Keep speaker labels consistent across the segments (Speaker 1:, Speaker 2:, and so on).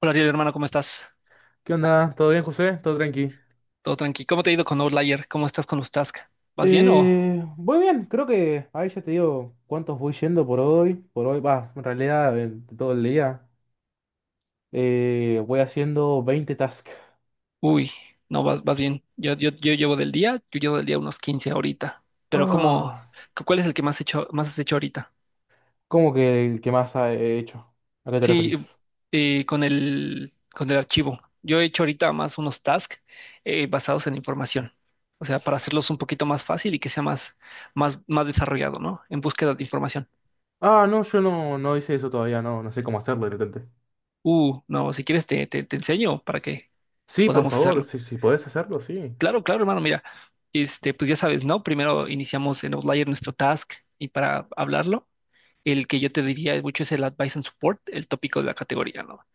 Speaker 1: Hola Ariel, hermano, ¿cómo estás?
Speaker 2: ¿Qué onda? ¿Todo bien, José? ¿Todo tranqui?
Speaker 1: ¿Todo tranqui? ¿Cómo te ha ido con Outlier? ¿Cómo estás con los tasks? ¿Vas bien o?
Speaker 2: Voy bien, creo que ahí ya te digo cuántos voy yendo por hoy. Por hoy, va, en realidad, todo el día. Voy haciendo 20 tasks.
Speaker 1: Uy, no, vas bien. Yo llevo del día, yo llevo del día unos 15 ahorita. Pero ¿cómo?
Speaker 2: Ah,
Speaker 1: ¿Cuál es el que más has hecho ahorita?
Speaker 2: ¿cómo que el que he hecho? ¿A qué te
Speaker 1: Sí,
Speaker 2: referís?
Speaker 1: con el archivo. Yo he hecho ahorita más unos tasks, basados en información. O sea, para hacerlos un poquito más fácil y que sea más desarrollado, ¿no? En búsqueda de información.
Speaker 2: Ah, no, yo no, no hice eso todavía, no, no sé cómo hacerlo de repente.
Speaker 1: No, si quieres te enseño para que
Speaker 2: Sí, por
Speaker 1: podamos
Speaker 2: favor,
Speaker 1: hacerlo.
Speaker 2: si podés hacerlo, sí.
Speaker 1: Claro, claro, hermano, mira, pues ya sabes, ¿no? Primero iniciamos en Outlier nuestro task y para hablarlo, el que yo te diría mucho es el Advice and Support, el tópico de la categoría, ¿no?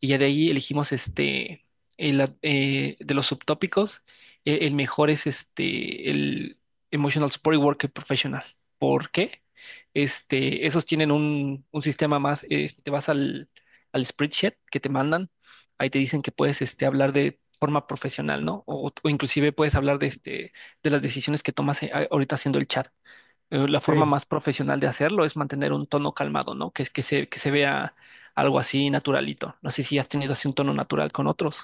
Speaker 1: Y ya de ahí elegimos, de los subtópicos. El mejor es el Emotional Support Worker Professional. ¿Por qué? Esos tienen un sistema más. Te vas al spreadsheet que te mandan, ahí te dicen que puedes, hablar de forma profesional, ¿no? O inclusive puedes hablar de las decisiones que tomas, ahorita haciendo el chat. La
Speaker 2: Sí,
Speaker 1: forma más profesional de hacerlo es mantener un tono calmado, ¿no? Que se vea algo así naturalito. No sé si has tenido así un tono natural con otros.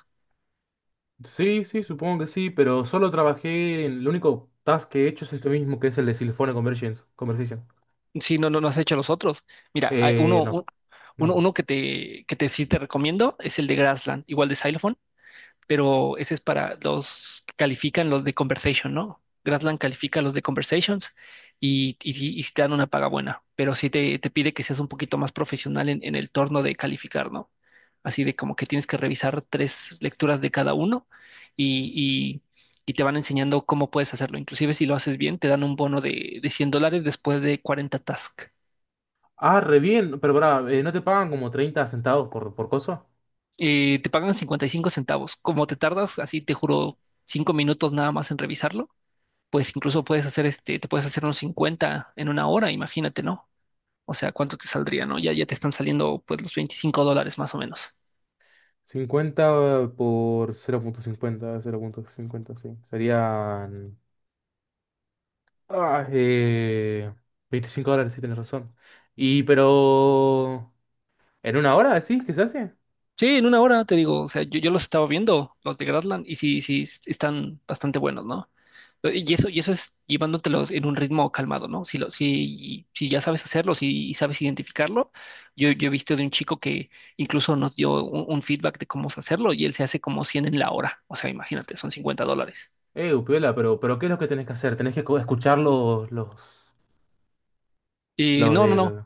Speaker 2: sí, supongo que sí, pero solo trabajé en... Lo único task que he hecho es este mismo, que es el de Silphone Convergence, Conversation.
Speaker 1: Si no, has hecho los otros. Mira, hay uno, un-
Speaker 2: No. No,
Speaker 1: uno,
Speaker 2: no.
Speaker 1: uno que te sí te recomiendo, es el de Grassland, igual de Xylophone. Pero ese es para los que califican los de Conversation, ¿no? Gradland califica los de Conversations, y, y, sí te dan una paga buena, pero sí te pide que seas un poquito más profesional en el torno de calificar, ¿no? Así de como que tienes que revisar tres lecturas de cada uno y, y- y te van enseñando cómo puedes hacerlo. Inclusive si lo haces bien, te dan un bono de $100 después de 40 tasks.
Speaker 2: Ah, re bien. Pero pará, ¿no te pagan como 30 centavos por cosa?
Speaker 1: Te pagan 55 centavos. Como te tardas, así te juro, 5 minutos nada más en revisarlo, pues incluso te puedes hacer unos 50 en una hora, imagínate, ¿no? O sea, ¿cuánto te saldría, no? Ya te están saliendo pues los $25 más o menos.
Speaker 2: Cincuenta por cero cero punto cincuenta cero punto cincuenta, sí. Serían... Ah, eh, 25 dólares, sí, tenés razón. Y pero... ¿En una hora decís que se hace?
Speaker 1: Sí, en una hora, te digo, o sea, yo los estaba viendo, los de Gradland, y sí, sí, están bastante buenos, ¿no? Y eso es llevándotelos en un ritmo calmado, ¿no? Si ya sabes hacerlo, si sabes identificarlo, yo he visto de un chico que incluso nos dio un feedback de cómo hacerlo y él se hace como 100 en la hora, o sea, imagínate, son $50.
Speaker 2: Upiola, pero ¿qué es lo que tenés que hacer? ¿Tenés que escuchar
Speaker 1: Eh,
Speaker 2: los
Speaker 1: no, no, no.
Speaker 2: de...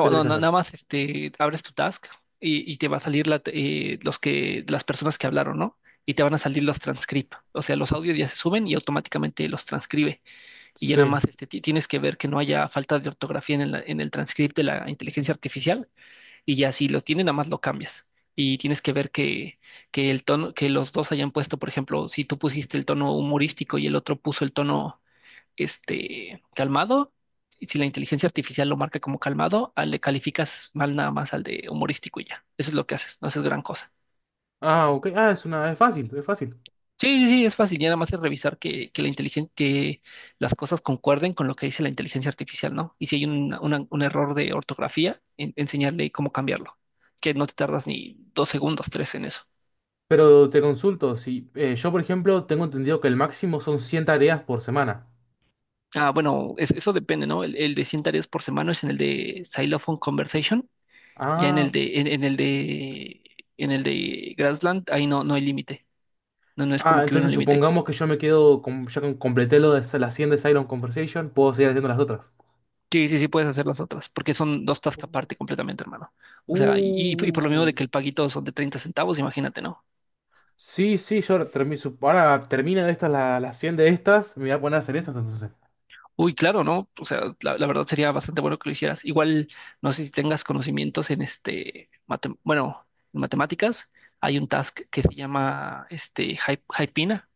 Speaker 2: ¿Qué tenés
Speaker 1: no,
Speaker 2: que
Speaker 1: na- nada
Speaker 2: hacer?
Speaker 1: más, abres tu task y te va a salir las personas que hablaron, ¿no? Y te van a salir los transcript. O sea, los audios ya se suben y automáticamente los transcribe. Y ya nada
Speaker 2: Sí.
Speaker 1: más, tienes que ver que no haya falta de ortografía en el transcript de la inteligencia artificial. Y ya si lo tiene, nada más lo cambias. Y tienes que ver que el tono, que los dos hayan puesto. Por ejemplo, si tú pusiste el tono humorístico y el otro puso el tono, calmado, y si la inteligencia artificial lo marca como calmado, le calificas mal nada más al de humorístico y ya. Eso es lo que haces, no haces gran cosa.
Speaker 2: Ah, ok. Ah, es una... Es fácil, es fácil.
Speaker 1: Sí, sí, sí, es fácil, ya nada más es revisar que las cosas concuerden con lo que dice la inteligencia artificial, ¿no? Y si hay un error de ortografía, enseñarle cómo cambiarlo, que no te tardas ni 2 segundos, tres en eso.
Speaker 2: Pero te consulto, si yo por ejemplo tengo entendido que el máximo son 100 tareas por semana.
Speaker 1: Ah, bueno, eso depende, ¿no? El de 100 tareas por semana es en el de Xylophone Conversation. Ya
Speaker 2: Ah,
Speaker 1: en el de Grassland, ahí no, no hay límite. No, no es
Speaker 2: ah,
Speaker 1: como que hubiera un
Speaker 2: entonces
Speaker 1: límite.
Speaker 2: supongamos que yo me quedo, con, completé lo de las 100 de Silent Conversation, puedo seguir haciendo las otras.
Speaker 1: Sí, sí, sí puedes hacer las otras, porque son dos
Speaker 2: Uh.
Speaker 1: tasks aparte completamente, hermano. O sea, y por lo mismo
Speaker 2: Uh,
Speaker 1: de que el paguito son de 30 centavos, imagínate, ¿no?
Speaker 2: sí, yo ahora ahora termino de estas, las 100 de estas, me voy a poner a hacer esas entonces,
Speaker 1: Uy, claro, ¿no? O sea, la verdad sería bastante bueno que lo hicieras. Igual, no sé si tengas conocimientos en matemáticas, hay un task que se llama, Hypina,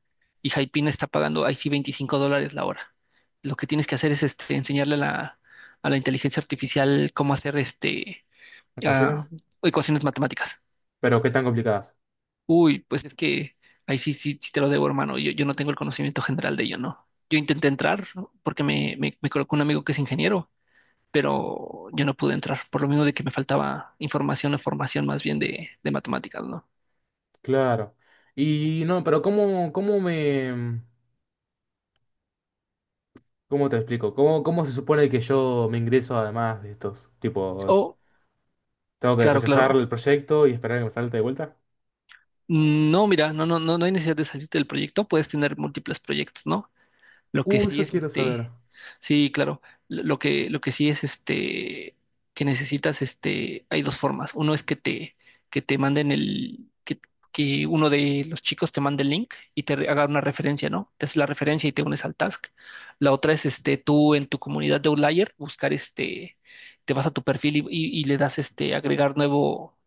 Speaker 1: y Hypina está pagando ahí sí $25 la hora. Lo que tienes que hacer es, enseñarle a la inteligencia artificial cómo hacer, ah,
Speaker 2: ecuaciones.
Speaker 1: ecuaciones matemáticas.
Speaker 2: Pero qué tan complicadas.
Speaker 1: Uy, pues es que ahí sí, sí, sí te lo debo, hermano. Yo no tengo el conocimiento general de ello, ¿no? Yo intenté entrar, ¿no?, porque me colocó un amigo que es ingeniero, pero yo no pude entrar, por lo menos de que me faltaba información o formación más bien de matemáticas, ¿no?
Speaker 2: Claro. Y no, pero ¿cómo, cómo me... ¿Cómo te explico? ¿Cómo, cómo se supone que yo me ingreso además de estos tipos?
Speaker 1: O,
Speaker 2: Tengo que
Speaker 1: claro,
Speaker 2: rechazar
Speaker 1: claro.
Speaker 2: el proyecto y esperar a que me salte de vuelta.
Speaker 1: No, mira, no, no hay necesidad de salir del proyecto, puedes tener múltiples proyectos, ¿no? Lo que sí
Speaker 2: Eso
Speaker 1: es,
Speaker 2: quiero saber.
Speaker 1: sí, claro, lo que sí es, que necesitas, hay dos formas. Uno es que te manden, que uno de los chicos te mande el link y haga una referencia, ¿no? Te hace la referencia y te unes al task. La otra es, tú en tu comunidad de Outlier buscar, te vas a tu perfil y le das, agregar nuevo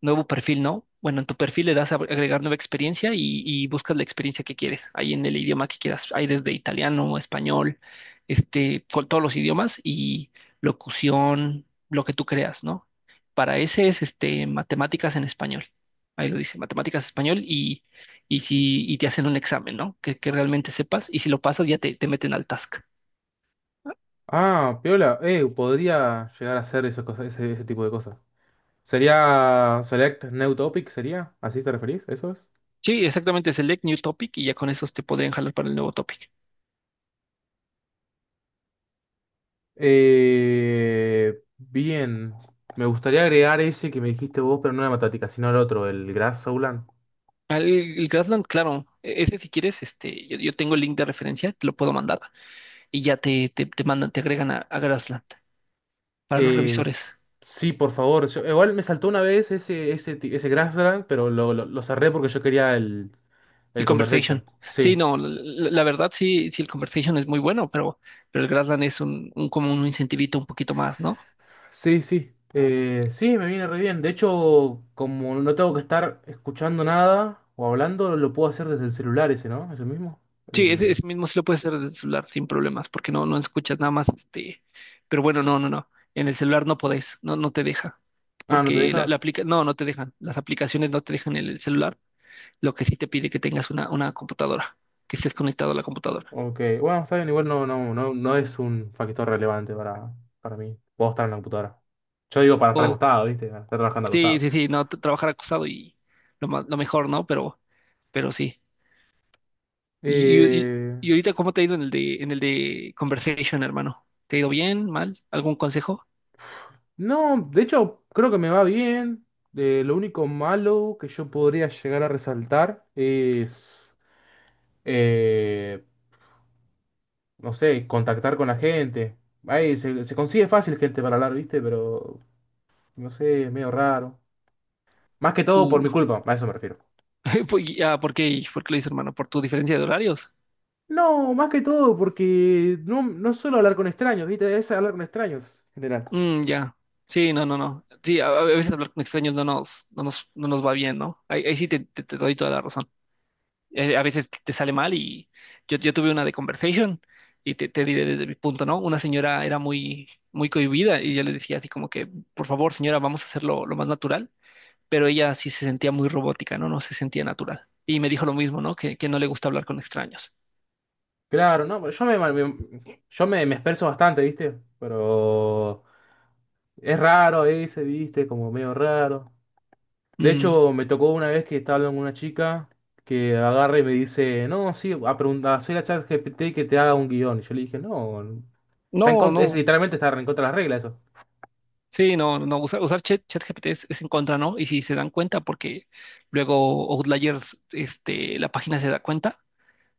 Speaker 1: nuevo perfil, ¿no? Bueno, en tu perfil le das a agregar nueva experiencia y buscas la experiencia que quieres, ahí en el idioma que quieras. Hay desde italiano, español, con todos los idiomas y locución, lo que tú creas, ¿no? Para ese es, matemáticas en español. Ahí lo dice, matemáticas español, y si y te hacen un examen, ¿no?, que realmente sepas, y si lo pasas ya te meten al task.
Speaker 2: Ah, piola, podría llegar a hacer esas cosas, ese tipo de cosas. Sería Select New Topic, ¿sería? ¿Así te referís? ¿Eso es?
Speaker 1: Sí, exactamente, select new topic, y ya con esos te podrían jalar para el nuevo topic.
Speaker 2: Bien. Me gustaría agregar ese que me dijiste vos, pero no la matemática, sino el otro, el Grass Soulan.
Speaker 1: El Grassland, claro, ese si quieres, yo, yo tengo el link de referencia, te lo puedo mandar y ya te mandan, te agregan a Grassland, para los
Speaker 2: Eh,
Speaker 1: revisores.
Speaker 2: sí, por favor. Igual me saltó una vez ese Grassland, pero lo cerré porque yo quería
Speaker 1: El
Speaker 2: el Conversation.
Speaker 1: Conversation. Sí,
Speaker 2: Sí.
Speaker 1: no, la verdad sí, sí, el Conversation es muy bueno, pero el Grassland es un como un incentivito un poquito más, ¿no?
Speaker 2: Sí, sí. Sí, me viene re bien. De hecho, como no tengo que estar escuchando nada o hablando, lo puedo hacer desde el celular ese, ¿no? ¿Es el mismo?
Speaker 1: Sí, ese,
Speaker 2: El-
Speaker 1: ese mismo sí lo puedes hacer desde el celular sin problemas, porque no, no escuchas nada más, pero bueno, no, no, no. En el celular no podés, no, no te deja.
Speaker 2: Ah, ¿no te
Speaker 1: Porque
Speaker 2: deja?
Speaker 1: no, no te dejan. Las aplicaciones no te dejan en el celular. Lo que sí te pide que tengas una computadora, que estés conectado a la computadora.
Speaker 2: Ok. Bueno, está bien, igual no, no, no es un factor relevante para mí. Puedo estar en la computadora. Yo digo para estar
Speaker 1: O,
Speaker 2: acostado, ¿viste? Para estar trabajando
Speaker 1: sí,
Speaker 2: acostado.
Speaker 1: sí, sí, no, trabajar acostado y lo mejor, ¿no? Pero sí. Y, y, y-
Speaker 2: Eh,
Speaker 1: y ahorita, ¿cómo te ha ido en el de Conversation, hermano? ¿Te ha ido bien, mal? ¿Algún consejo?
Speaker 2: no, de hecho, creo que me va bien. Lo único malo que yo podría llegar a resaltar es... Eh, no sé, contactar con la gente. Ahí se consigue fácil gente para hablar, ¿viste? Pero, no sé, es medio raro. Más que todo por
Speaker 1: Uh,
Speaker 2: mi culpa, a eso me refiero.
Speaker 1: pues, ya, ¿por qué? ¿Por qué lo dices, hermano? ¿Por tu diferencia de horarios?
Speaker 2: No, más que todo porque no, no suelo hablar con extraños, ¿viste? Es hablar con extraños, en general.
Speaker 1: Mm, ya. Sí, no, no, no. Sí, a veces hablar con extraños no nos va bien, ¿no? Ahí sí te doy toda la razón. A veces te sale mal y yo tuve una de conversation y te diré desde mi punto, ¿no? Una señora era muy, muy cohibida y yo le decía así como que, por favor, señora, vamos a hacerlo lo más natural, pero ella sí se sentía muy robótica, ¿no? No se sentía natural. Y me dijo lo mismo, ¿no?, que no le gusta hablar con extraños.
Speaker 2: Claro, no, pero yo me expreso bastante, ¿viste? Pero es raro ese, ¿viste? Como medio raro. De
Speaker 1: Mm.
Speaker 2: hecho, me tocó una vez que estaba hablando con una chica que agarra y me dice, no, sí, a preguntar, soy la chat GPT que te haga un guión. Y yo le dije, no, está en
Speaker 1: No,
Speaker 2: contra, es
Speaker 1: no.
Speaker 2: literalmente está en contra de las reglas eso.
Speaker 1: Sí, no, no, usar ChatGPT es en contra, ¿no? Y si se dan cuenta, porque luego Outliers, la página se da cuenta,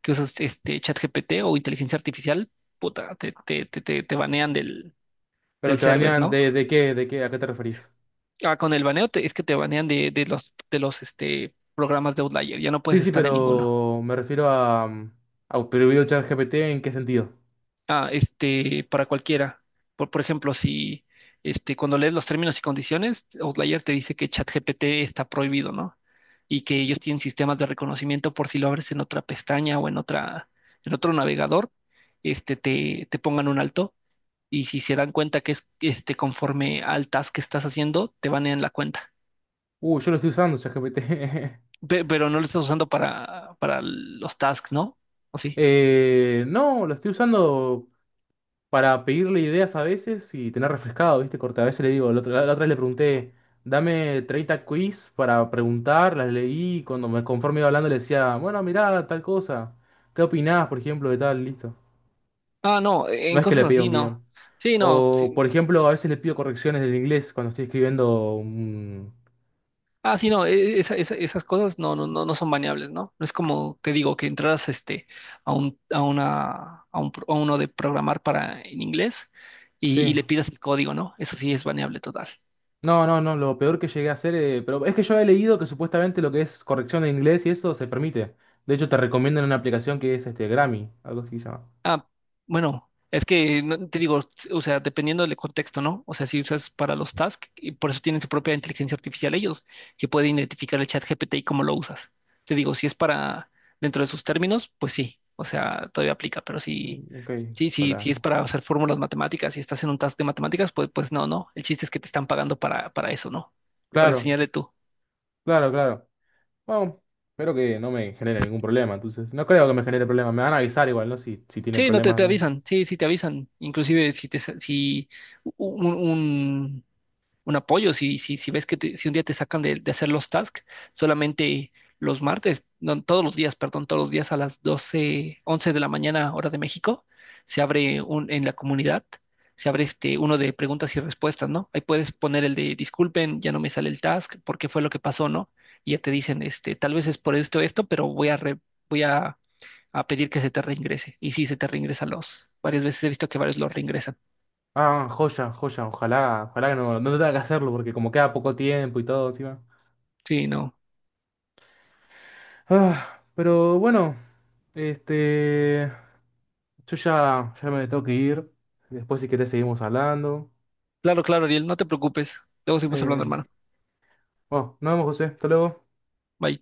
Speaker 1: que usas este ChatGPT o inteligencia artificial, puta, te banean del
Speaker 2: Pero te
Speaker 1: server,
Speaker 2: banean
Speaker 1: ¿no?
Speaker 2: de, de qué, ¿a qué te referís?
Speaker 1: Ah, con el baneo, es que te banean de los programas de Outlier, ya no
Speaker 2: Sí,
Speaker 1: puedes
Speaker 2: sí,
Speaker 1: estar en ninguno.
Speaker 2: pero me refiero a, mm, a prohibir el chat GPT en qué sentido.
Speaker 1: Para cualquiera. Por ejemplo, si este, cuando lees los términos y condiciones, Outlier te dice que ChatGPT está prohibido, ¿no? Y que ellos tienen sistemas de reconocimiento por si lo abres en otra pestaña o en otro navegador, te pongan un alto, y si se dan cuenta que es conforme al task que estás haciendo, te van la cuenta.
Speaker 2: Yo lo estoy usando, chat GPT.
Speaker 1: Pero no lo estás usando para los tasks, ¿no? ¿O sí?
Speaker 2: No, lo estoy usando para pedirle ideas a veces y tener refrescado, ¿viste? Corta, a veces le digo, la otra vez le pregunté, dame 30 quiz para preguntar, las leí, y cuando me conforme iba hablando le decía, bueno, mirá, tal cosa, ¿qué opinás, por ejemplo, de tal? Listo.
Speaker 1: Ah, no,
Speaker 2: No
Speaker 1: en
Speaker 2: es que le
Speaker 1: cosas
Speaker 2: pido
Speaker 1: así
Speaker 2: un
Speaker 1: no.
Speaker 2: guión.
Speaker 1: Sí, no.
Speaker 2: O,
Speaker 1: Sí.
Speaker 2: por ejemplo, a veces le pido correcciones del inglés cuando estoy escribiendo un...
Speaker 1: Ah, sí, no, esas cosas no son baneables, ¿no? No es como te digo que entraras, a un, a una, a un, pro- a uno de programar para en inglés y,
Speaker 2: Sí.
Speaker 1: y le pidas el código, ¿no? Eso sí es baneable total.
Speaker 2: No, no, no, lo peor que llegué a hacer, pero es que yo he leído que supuestamente lo que es corrección de inglés y eso se permite. De hecho, te recomiendan una aplicación que es este Grammy, algo así se llama.
Speaker 1: Ah, bueno, es que te digo, o sea, dependiendo del contexto, ¿no? O sea, si usas para los tasks, y por eso tienen su propia inteligencia artificial ellos, que pueden identificar el chat GPT y cómo lo usas. Te digo, si es para dentro de sus términos, pues sí, o sea, todavía aplica, pero
Speaker 2: Mm, ok,
Speaker 1: sí, si es
Speaker 2: hola.
Speaker 1: para hacer fórmulas matemáticas y estás en un task de matemáticas, pues, pues no, no. El chiste es que te están pagando para eso, ¿no? Para
Speaker 2: Claro,
Speaker 1: enseñarle tú.
Speaker 2: claro, claro. Bueno, espero que no me genere ningún problema, entonces. No creo que me genere problemas, me van a avisar igual, ¿no? Si, si tienen
Speaker 1: Sí, no te,
Speaker 2: problemas.
Speaker 1: te
Speaker 2: ¿Eh?
Speaker 1: avisan, sí, sí te avisan. Inclusive si un, un un apoyo. Si ves si un día te sacan de hacer los tasks, solamente los martes, no, todos los días, perdón, todos los días a las 12 11 de la mañana, hora de México, se abre, en la comunidad, se abre, uno de preguntas y respuestas, ¿no? Ahí puedes poner el de disculpen, ya no me sale el task, ¿por qué fue lo que pasó, no? Y ya te dicen, tal vez es por esto, esto, pero voy a pedir que se te reingrese. Y sí, se te reingresan. Varias veces he visto que varios los reingresan.
Speaker 2: Ah, joya, joya, ojalá, ojalá que no, no tenga que hacerlo, porque como queda poco tiempo y todo encima.
Speaker 1: Sí, no.
Speaker 2: Ah, pero bueno, este, yo ya, ya me tengo que ir. Después si querés seguimos hablando.
Speaker 1: Claro, claro, Ariel, no te preocupes. Luego seguimos
Speaker 2: Eh,
Speaker 1: hablando, hermano.
Speaker 2: bueno, nos vemos, José. Hasta luego.
Speaker 1: Bye.